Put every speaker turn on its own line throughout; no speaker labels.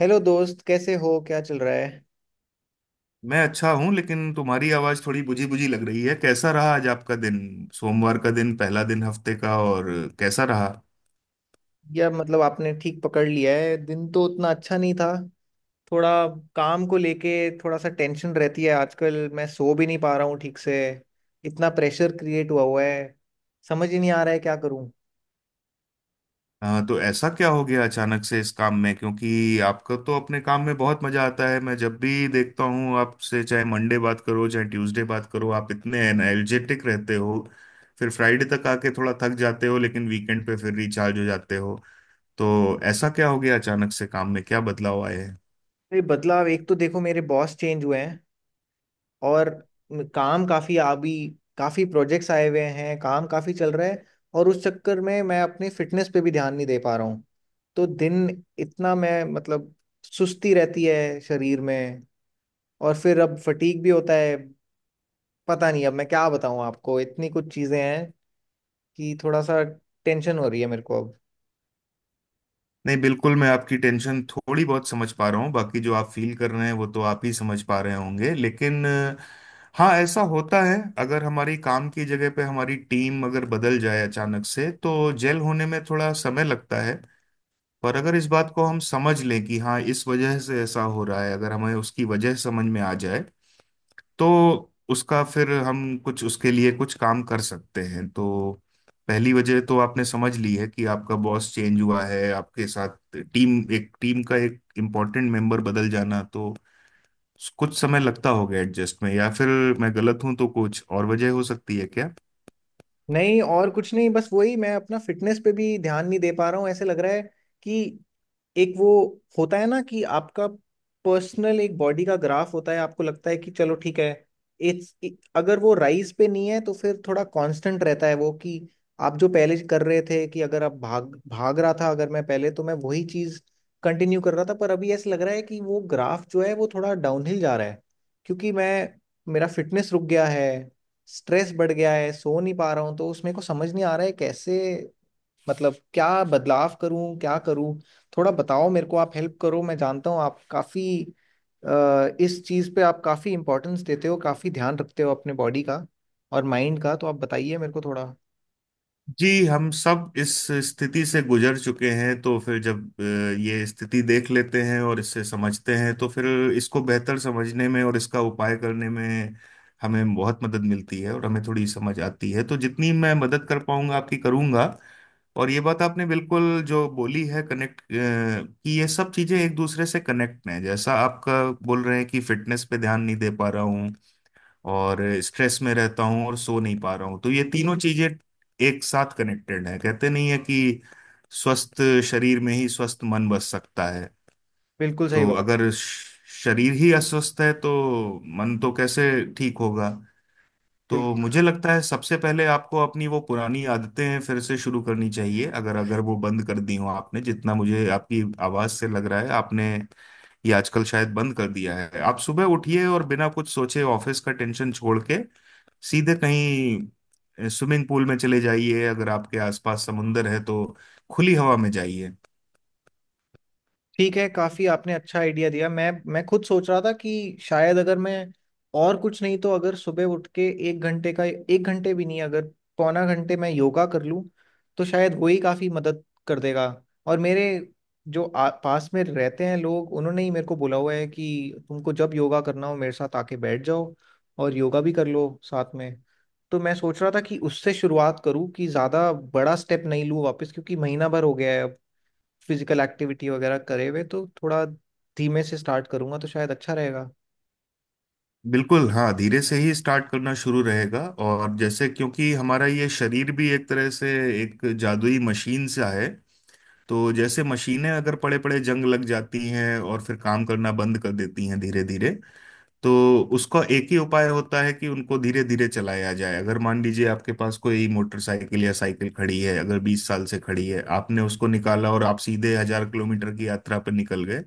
Hello दोस्त, कैसे हो? क्या चल रहा है?
मैं अच्छा हूं, लेकिन तुम्हारी आवाज थोड़ी बुझी बुझी लग रही है। कैसा रहा आज आपका दिन? सोमवार का दिन, पहला दिन हफ्ते का, और कैसा रहा?
यार मतलब आपने ठीक पकड़ लिया है, दिन तो उतना अच्छा नहीं था। थोड़ा काम को लेके थोड़ा सा टेंशन रहती है आजकल। मैं सो भी नहीं पा रहा हूँ ठीक से। इतना प्रेशर क्रिएट हुआ हुआ है। समझ ही नहीं आ रहा है क्या करूँ।
हाँ, तो ऐसा क्या हो गया अचानक से इस काम में? क्योंकि आपको तो अपने काम में बहुत मजा आता है। मैं जब भी देखता हूँ आपसे, चाहे मंडे बात करो चाहे ट्यूसडे बात करो, आप इतने एनर्जेटिक रहते हो। फिर फ्राइडे तक आके थोड़ा थक जाते हो, लेकिन वीकेंड पे फिर रिचार्ज हो जाते हो। तो ऐसा क्या हो गया अचानक से काम में? क्या बदलाव आए?
ये बदलाव, एक तो देखो मेरे बॉस चेंज हुए हैं, और काम काफी अभी, काफी प्रोजेक्ट्स आए हुए हैं, काम काफी चल रहा है। और उस चक्कर में मैं अपनी फिटनेस पे भी ध्यान नहीं दे पा रहा हूँ। तो दिन इतना, मैं मतलब सुस्ती रहती है शरीर में, और फिर अब फटीग भी होता है। पता नहीं, अब मैं क्या बताऊँ आपको, इतनी कुछ चीजें हैं कि थोड़ा सा टेंशन हो रही है मेरे को अब।
नहीं, बिल्कुल मैं आपकी टेंशन थोड़ी बहुत समझ पा रहा हूँ, बाकी जो आप फील कर रहे हैं वो तो आप ही समझ पा रहे होंगे। लेकिन हाँ, ऐसा होता है। अगर हमारी काम की जगह पे हमारी टीम अगर बदल जाए अचानक से, तो जेल होने में थोड़ा समय लगता है। पर अगर इस बात को हम समझ लें कि हाँ, इस वजह से ऐसा हो रहा है, अगर हमें उसकी वजह समझ में आ जाए, तो उसका फिर हम कुछ, उसके लिए कुछ काम कर सकते हैं। तो पहली वजह तो आपने समझ ली है कि आपका बॉस चेंज हुआ है आपके साथ। टीम, एक टीम का एक इम्पोर्टेंट मेंबर बदल जाना, तो कुछ समय लगता होगा एडजस्ट में। या फिर मैं गलत हूं तो कुछ और वजह हो सकती है क्या?
नहीं, और कुछ नहीं, बस वही। मैं अपना फिटनेस पे भी ध्यान नहीं दे पा रहा हूँ। ऐसे लग रहा है कि एक वो होता है ना कि आपका पर्सनल एक बॉडी का ग्राफ होता है, आपको लगता है कि चलो ठीक है। इट्स, अगर वो राइज पे नहीं है तो फिर थोड़ा कांस्टेंट रहता है वो, कि आप जो पहले कर रहे थे, कि अगर आप भाग भाग रहा था अगर मैं पहले, तो मैं वही चीज कंटिन्यू कर रहा था। पर अभी ऐसा लग रहा है कि वो ग्राफ जो है वो थोड़ा डाउनहिल जा रहा है, क्योंकि मैं, मेरा फिटनेस रुक गया है, स्ट्रेस बढ़ गया है, सो नहीं पा रहा हूँ। तो उसमें को समझ नहीं आ रहा है कैसे, मतलब क्या बदलाव करूँ क्या करूँ। थोड़ा बताओ मेरे को, आप हेल्प करो। मैं जानता हूँ आप काफी, इस चीज पे आप काफी इंपॉर्टेंस देते हो, काफी ध्यान रखते हो अपने बॉडी का और माइंड का। तो आप बताइए मेरे को थोड़ा।
जी, हम सब इस स्थिति से गुजर चुके हैं, तो फिर जब ये स्थिति देख लेते हैं और इससे समझते हैं, तो फिर इसको बेहतर समझने में और इसका उपाय करने में हमें बहुत मदद मिलती है, और हमें थोड़ी समझ आती है। तो जितनी मैं मदद कर पाऊंगा आपकी, करूंगा। और ये बात आपने बिल्कुल जो बोली है, कनेक्ट, कि ये सब चीजें एक दूसरे से कनेक्ट हैं। जैसा आपका बोल रहे हैं कि फिटनेस पे ध्यान नहीं दे पा रहा हूँ, और स्ट्रेस में रहता हूँ, और सो नहीं पा रहा हूँ, तो ये तीनों चीजें एक साथ कनेक्टेड है। कहते नहीं है कि स्वस्थ शरीर में ही स्वस्थ मन बस सकता है।
बिल्कुल सही
तो
बात।
अगर शरीर ही अस्वस्थ है, तो मन तो कैसे ठीक होगा?
बिल्कुल।
तो मुझे लगता है सबसे पहले आपको अपनी वो पुरानी आदतें फिर से शुरू करनी चाहिए, अगर अगर वो बंद कर दी हो आपने। जितना मुझे आपकी आवाज से लग रहा है, आपने ये आजकल शायद बंद कर दिया है। आप सुबह उठिए और बिना कुछ सोचे ऑफिस का टेंशन छोड़ के सीधे कहीं स्विमिंग पूल में चले जाइए। अगर आपके आसपास समुंदर है तो खुली हवा में जाइए।
ठीक है, काफी आपने अच्छा आइडिया दिया। मैं खुद सोच रहा था कि शायद अगर मैं, और कुछ नहीं तो अगर सुबह उठ के एक घंटे का, एक घंटे भी नहीं, अगर पौना घंटे मैं योगा कर लूँ तो शायद वो ही काफी मदद कर देगा। और मेरे जो पास में रहते हैं लोग, उन्होंने ही मेरे को बोला हुआ है कि तुमको जब योगा करना हो मेरे साथ आके बैठ जाओ और योगा भी कर लो साथ में। तो मैं सोच रहा था कि उससे शुरुआत करूँ, कि ज्यादा बड़ा स्टेप नहीं लूँ वापस, क्योंकि महीना भर हो गया है फिजिकल एक्टिविटी वगैरह करे हुए। तो थोड़ा धीमे से स्टार्ट करूंगा तो शायद अच्छा रहेगा।
बिल्कुल, हाँ, धीरे से ही स्टार्ट करना शुरू रहेगा। और जैसे, क्योंकि हमारा ये शरीर भी एक तरह से एक जादुई मशीन सा है, तो जैसे मशीनें अगर पड़े पड़े जंग लग जाती हैं और फिर काम करना बंद कर देती हैं धीरे धीरे, तो उसका एक ही उपाय होता है कि उनको धीरे धीरे चलाया जाए। अगर मान लीजिए आपके पास कोई मोटरसाइकिल या साइकिल खड़ी है, अगर 20 साल से खड़ी है, आपने उसको निकाला और आप सीधे 1000 किलोमीटर की यात्रा पर निकल गए,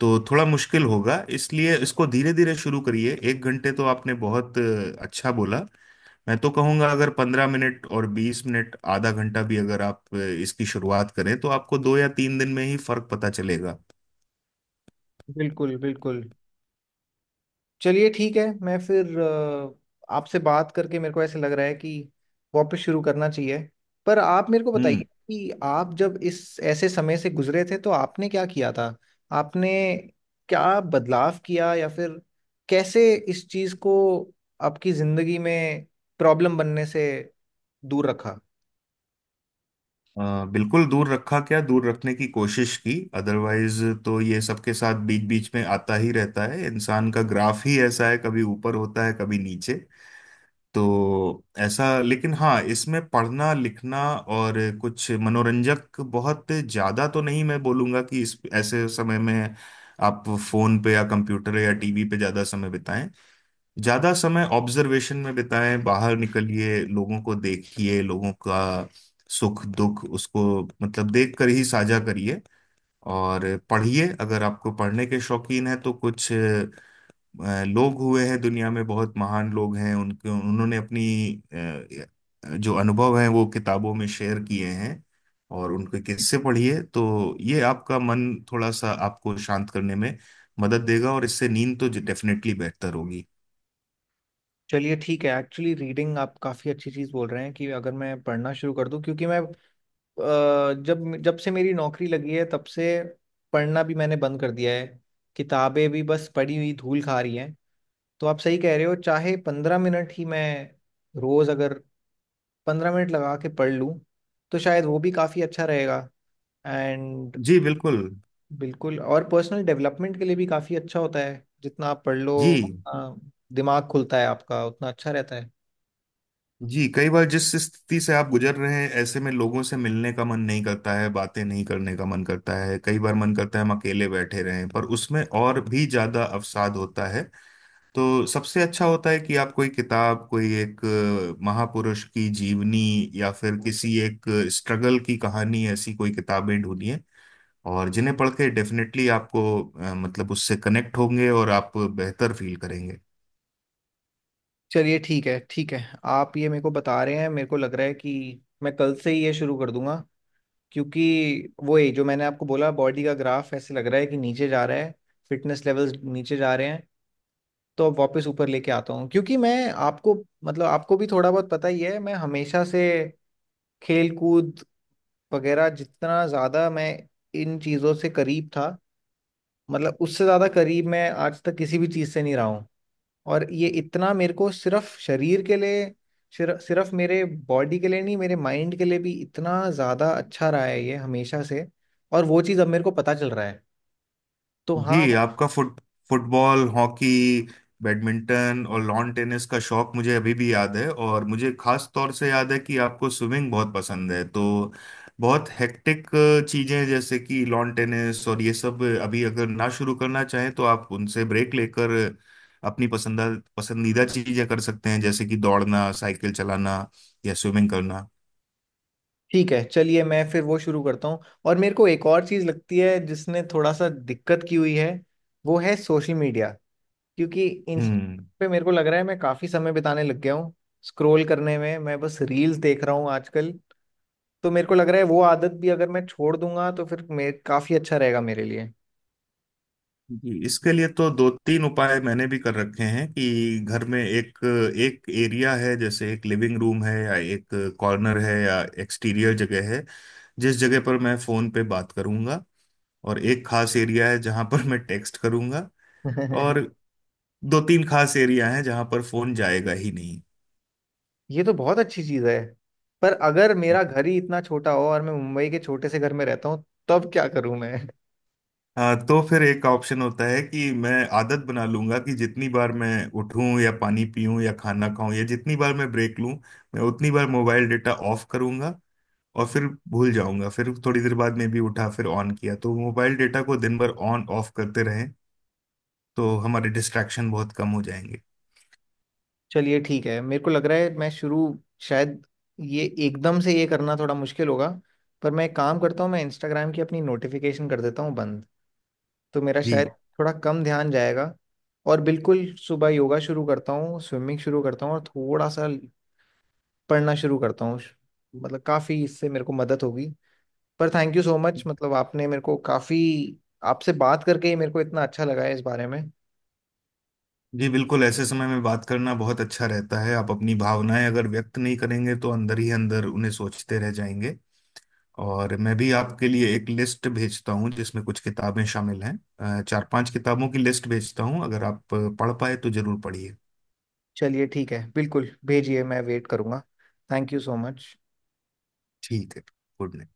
तो थोड़ा मुश्किल होगा। इसलिए इसको धीरे धीरे शुरू करिए। एक घंटे तो आपने बहुत अच्छा बोला। मैं तो कहूंगा अगर 15 मिनट और 20 मिनट, आधा घंटा भी अगर आप इसकी शुरुआत करें, तो आपको दो या तीन दिन में ही फर्क पता चलेगा।
बिल्कुल बिल्कुल। चलिए ठीक है। मैं फिर, आपसे बात करके मेरे को ऐसे लग रहा है कि वापस शुरू करना चाहिए। पर आप मेरे को बताइए
हम्म।
कि आप जब इस, ऐसे समय से गुजरे थे तो आपने क्या किया था? आपने क्या बदलाव किया, या फिर कैसे इस चीज को आपकी जिंदगी में प्रॉब्लम बनने से दूर रखा?
बिल्कुल दूर रखा, क्या दूर रखने की कोशिश की। अदरवाइज तो ये सबके साथ बीच बीच में आता ही रहता है, इंसान का ग्राफ ही ऐसा है, कभी ऊपर होता है कभी नीचे। तो ऐसा, लेकिन हाँ, इसमें पढ़ना लिखना और कुछ मनोरंजक, बहुत ज्यादा तो नहीं मैं बोलूंगा कि इस ऐसे समय में आप फोन पे या कंप्यूटर या टीवी पे ज्यादा समय बिताएं। ज्यादा समय ऑब्जर्वेशन में बिताएं, बाहर निकलिए, लोगों को देखिए, लोगों का सुख दुख, उसको मतलब देख कर ही साझा करिए। और पढ़िए, अगर आपको पढ़ने के शौकीन है, तो कुछ लोग हुए हैं दुनिया में, बहुत महान लोग हैं, उनके उन्होंने अपनी जो अनुभव हैं वो किताबों में शेयर किए हैं, और उनके किस्से पढ़िए। तो ये आपका मन थोड़ा सा आपको शांत करने में मदद देगा, और इससे नींद तो डेफिनेटली बेहतर होगी।
चलिए ठीक है। एक्चुअली रीडिंग, आप काफ़ी अच्छी चीज़ बोल रहे हैं, कि अगर मैं पढ़ना शुरू कर दूं। क्योंकि मैं, जब जब से मेरी नौकरी लगी है, तब से पढ़ना भी मैंने बंद कर दिया है। किताबें भी बस पड़ी हुई धूल खा रही हैं। तो आप सही कह रहे हो, चाहे 15 मिनट ही मैं रोज़, अगर 15 मिनट लगा के पढ़ लूँ तो शायद वो भी काफ़ी अच्छा रहेगा। एंड,
जी, बिल्कुल।
बिल्कुल। और पर्सनल डेवलपमेंट के लिए भी काफ़ी अच्छा होता है जितना आप पढ़ लो।
जी।
अ, दिमाग खुलता है आपका, उतना अच्छा रहता है।
जी, कई बार जिस स्थिति से आप गुजर रहे हैं, ऐसे में लोगों से मिलने का मन नहीं करता है, बातें नहीं करने का मन करता है। कई बार मन करता है हम अकेले बैठे रहें, पर उसमें और भी ज्यादा अवसाद होता है। तो सबसे अच्छा होता है कि आप कोई किताब, कोई एक महापुरुष की जीवनी, या फिर किसी एक स्ट्रगल की कहानी, ऐसी कोई किताबें ढूंढिए। और जिन्हें पढ़ के डेफिनेटली आपको मतलब उससे कनेक्ट होंगे और आप बेहतर फील करेंगे।
चलिए ठीक है, ठीक है। आप ये मेरे को बता रहे हैं, मेरे को लग रहा है कि मैं कल से ही ये शुरू कर दूंगा। क्योंकि वो, ये जो मैंने आपको बोला, बॉडी का ग्राफ ऐसे लग रहा है कि नीचे जा रहा है, फिटनेस लेवल्स नीचे जा रहे हैं, तो अब वापस ऊपर लेके आता हूँ। क्योंकि मैं, आपको, मतलब आपको भी थोड़ा बहुत पता ही है, मैं हमेशा से खेल कूद वगैरह, जितना ज़्यादा मैं इन चीज़ों से करीब था, मतलब उससे ज़्यादा करीब मैं आज तक किसी भी चीज़ से नहीं रहा। और ये इतना मेरे को सिर्फ शरीर के लिए, सिर्फ सिर्फ मेरे बॉडी के लिए नहीं, मेरे माइंड के लिए भी इतना ज़्यादा अच्छा रहा है ये हमेशा से। और वो चीज़ अब मेरे को पता चल रहा है। तो हाँ।
जी, आपका फुटबॉल, हॉकी, बैडमिंटन और लॉन टेनिस का शौक मुझे अभी भी याद है, और मुझे खास तौर से याद है कि आपको स्विमिंग बहुत पसंद है। तो बहुत हेक्टिक चीजें जैसे कि लॉन टेनिस और ये सब अभी अगर ना शुरू करना चाहें, तो आप उनसे ब्रेक लेकर अपनी पसंदा पसंदीदा चीजें कर सकते हैं, जैसे कि दौड़ना, साइकिल चलाना या स्विमिंग करना।
ठीक है चलिए, मैं फिर वो शुरू करता हूँ। और मेरे को एक और चीज़ लगती है जिसने थोड़ा सा दिक्कत की हुई है, वो है सोशल मीडिया। क्योंकि इंस्टा
हम्म।
पे मेरे को लग रहा है मैं काफ़ी समय बिताने लग गया हूँ, स्क्रोल करने में। मैं बस रील्स देख रहा हूँ आजकल। तो मेरे को लग रहा है वो आदत भी अगर मैं छोड़ दूंगा, तो फिर मेरे काफ़ी अच्छा रहेगा मेरे लिए।
जी, इसके लिए तो दो तीन उपाय मैंने भी कर रखे हैं कि घर में एक एक एरिया है, जैसे एक लिविंग रूम है या एक कॉर्नर है या एक्सटीरियर जगह है, जिस जगह पर मैं फोन पे बात करूंगा। और एक खास एरिया है जहां पर मैं टेक्स्ट करूंगा। और दो तीन खास एरिया हैं जहां पर फोन जाएगा ही नहीं।
ये तो बहुत अच्छी चीज है। पर अगर मेरा घर ही इतना छोटा हो, और मैं मुंबई के छोटे से घर में रहता हूँ, तब क्या करूं मैं?
हाँ, तो फिर एक ऑप्शन होता है कि मैं आदत बना लूंगा कि जितनी बार मैं उठूं या पानी पीऊं या खाना खाऊं, या जितनी बार मैं ब्रेक लूं, मैं उतनी बार मोबाइल डेटा ऑफ करूंगा। और फिर भूल जाऊंगा, फिर थोड़ी देर बाद में भी उठा फिर ऑन किया, तो मोबाइल डेटा को दिन भर ऑन ऑफ करते रहें, तो हमारे डिस्ट्रैक्शन बहुत कम हो जाएंगे।
चलिए ठीक है, मेरे को लग रहा है मैं शुरू, शायद ये एकदम से ये करना थोड़ा मुश्किल होगा। पर मैं एक काम करता हूँ, मैं इंस्टाग्राम की अपनी नोटिफिकेशन कर देता हूँ बंद, तो मेरा शायद
जी।
थोड़ा कम ध्यान जाएगा। और बिल्कुल, सुबह योगा शुरू करता हूँ, स्विमिंग शुरू करता हूँ, और थोड़ा सा पढ़ना शुरू करता हूँ। मतलब काफ़ी इससे मेरे को मदद होगी। पर थैंक यू सो मच, मतलब आपने मेरे को काफी, आपसे बात करके ही मेरे को इतना अच्छा लगा है इस बारे में।
जी, बिल्कुल, ऐसे समय में बात करना बहुत अच्छा रहता है। आप अपनी भावनाएं अगर व्यक्त नहीं करेंगे, तो अंदर ही अंदर उन्हें सोचते रह जाएंगे। और मैं भी आपके लिए एक लिस्ट भेजता हूँ जिसमें कुछ किताबें शामिल हैं। 4-5 किताबों की लिस्ट भेजता हूँ, अगर आप पढ़ पाए तो जरूर पढ़िए।
चलिए ठीक है, बिल्कुल भेजिए, मैं वेट करूंगा। Thank you so much.
ठीक है। Good night.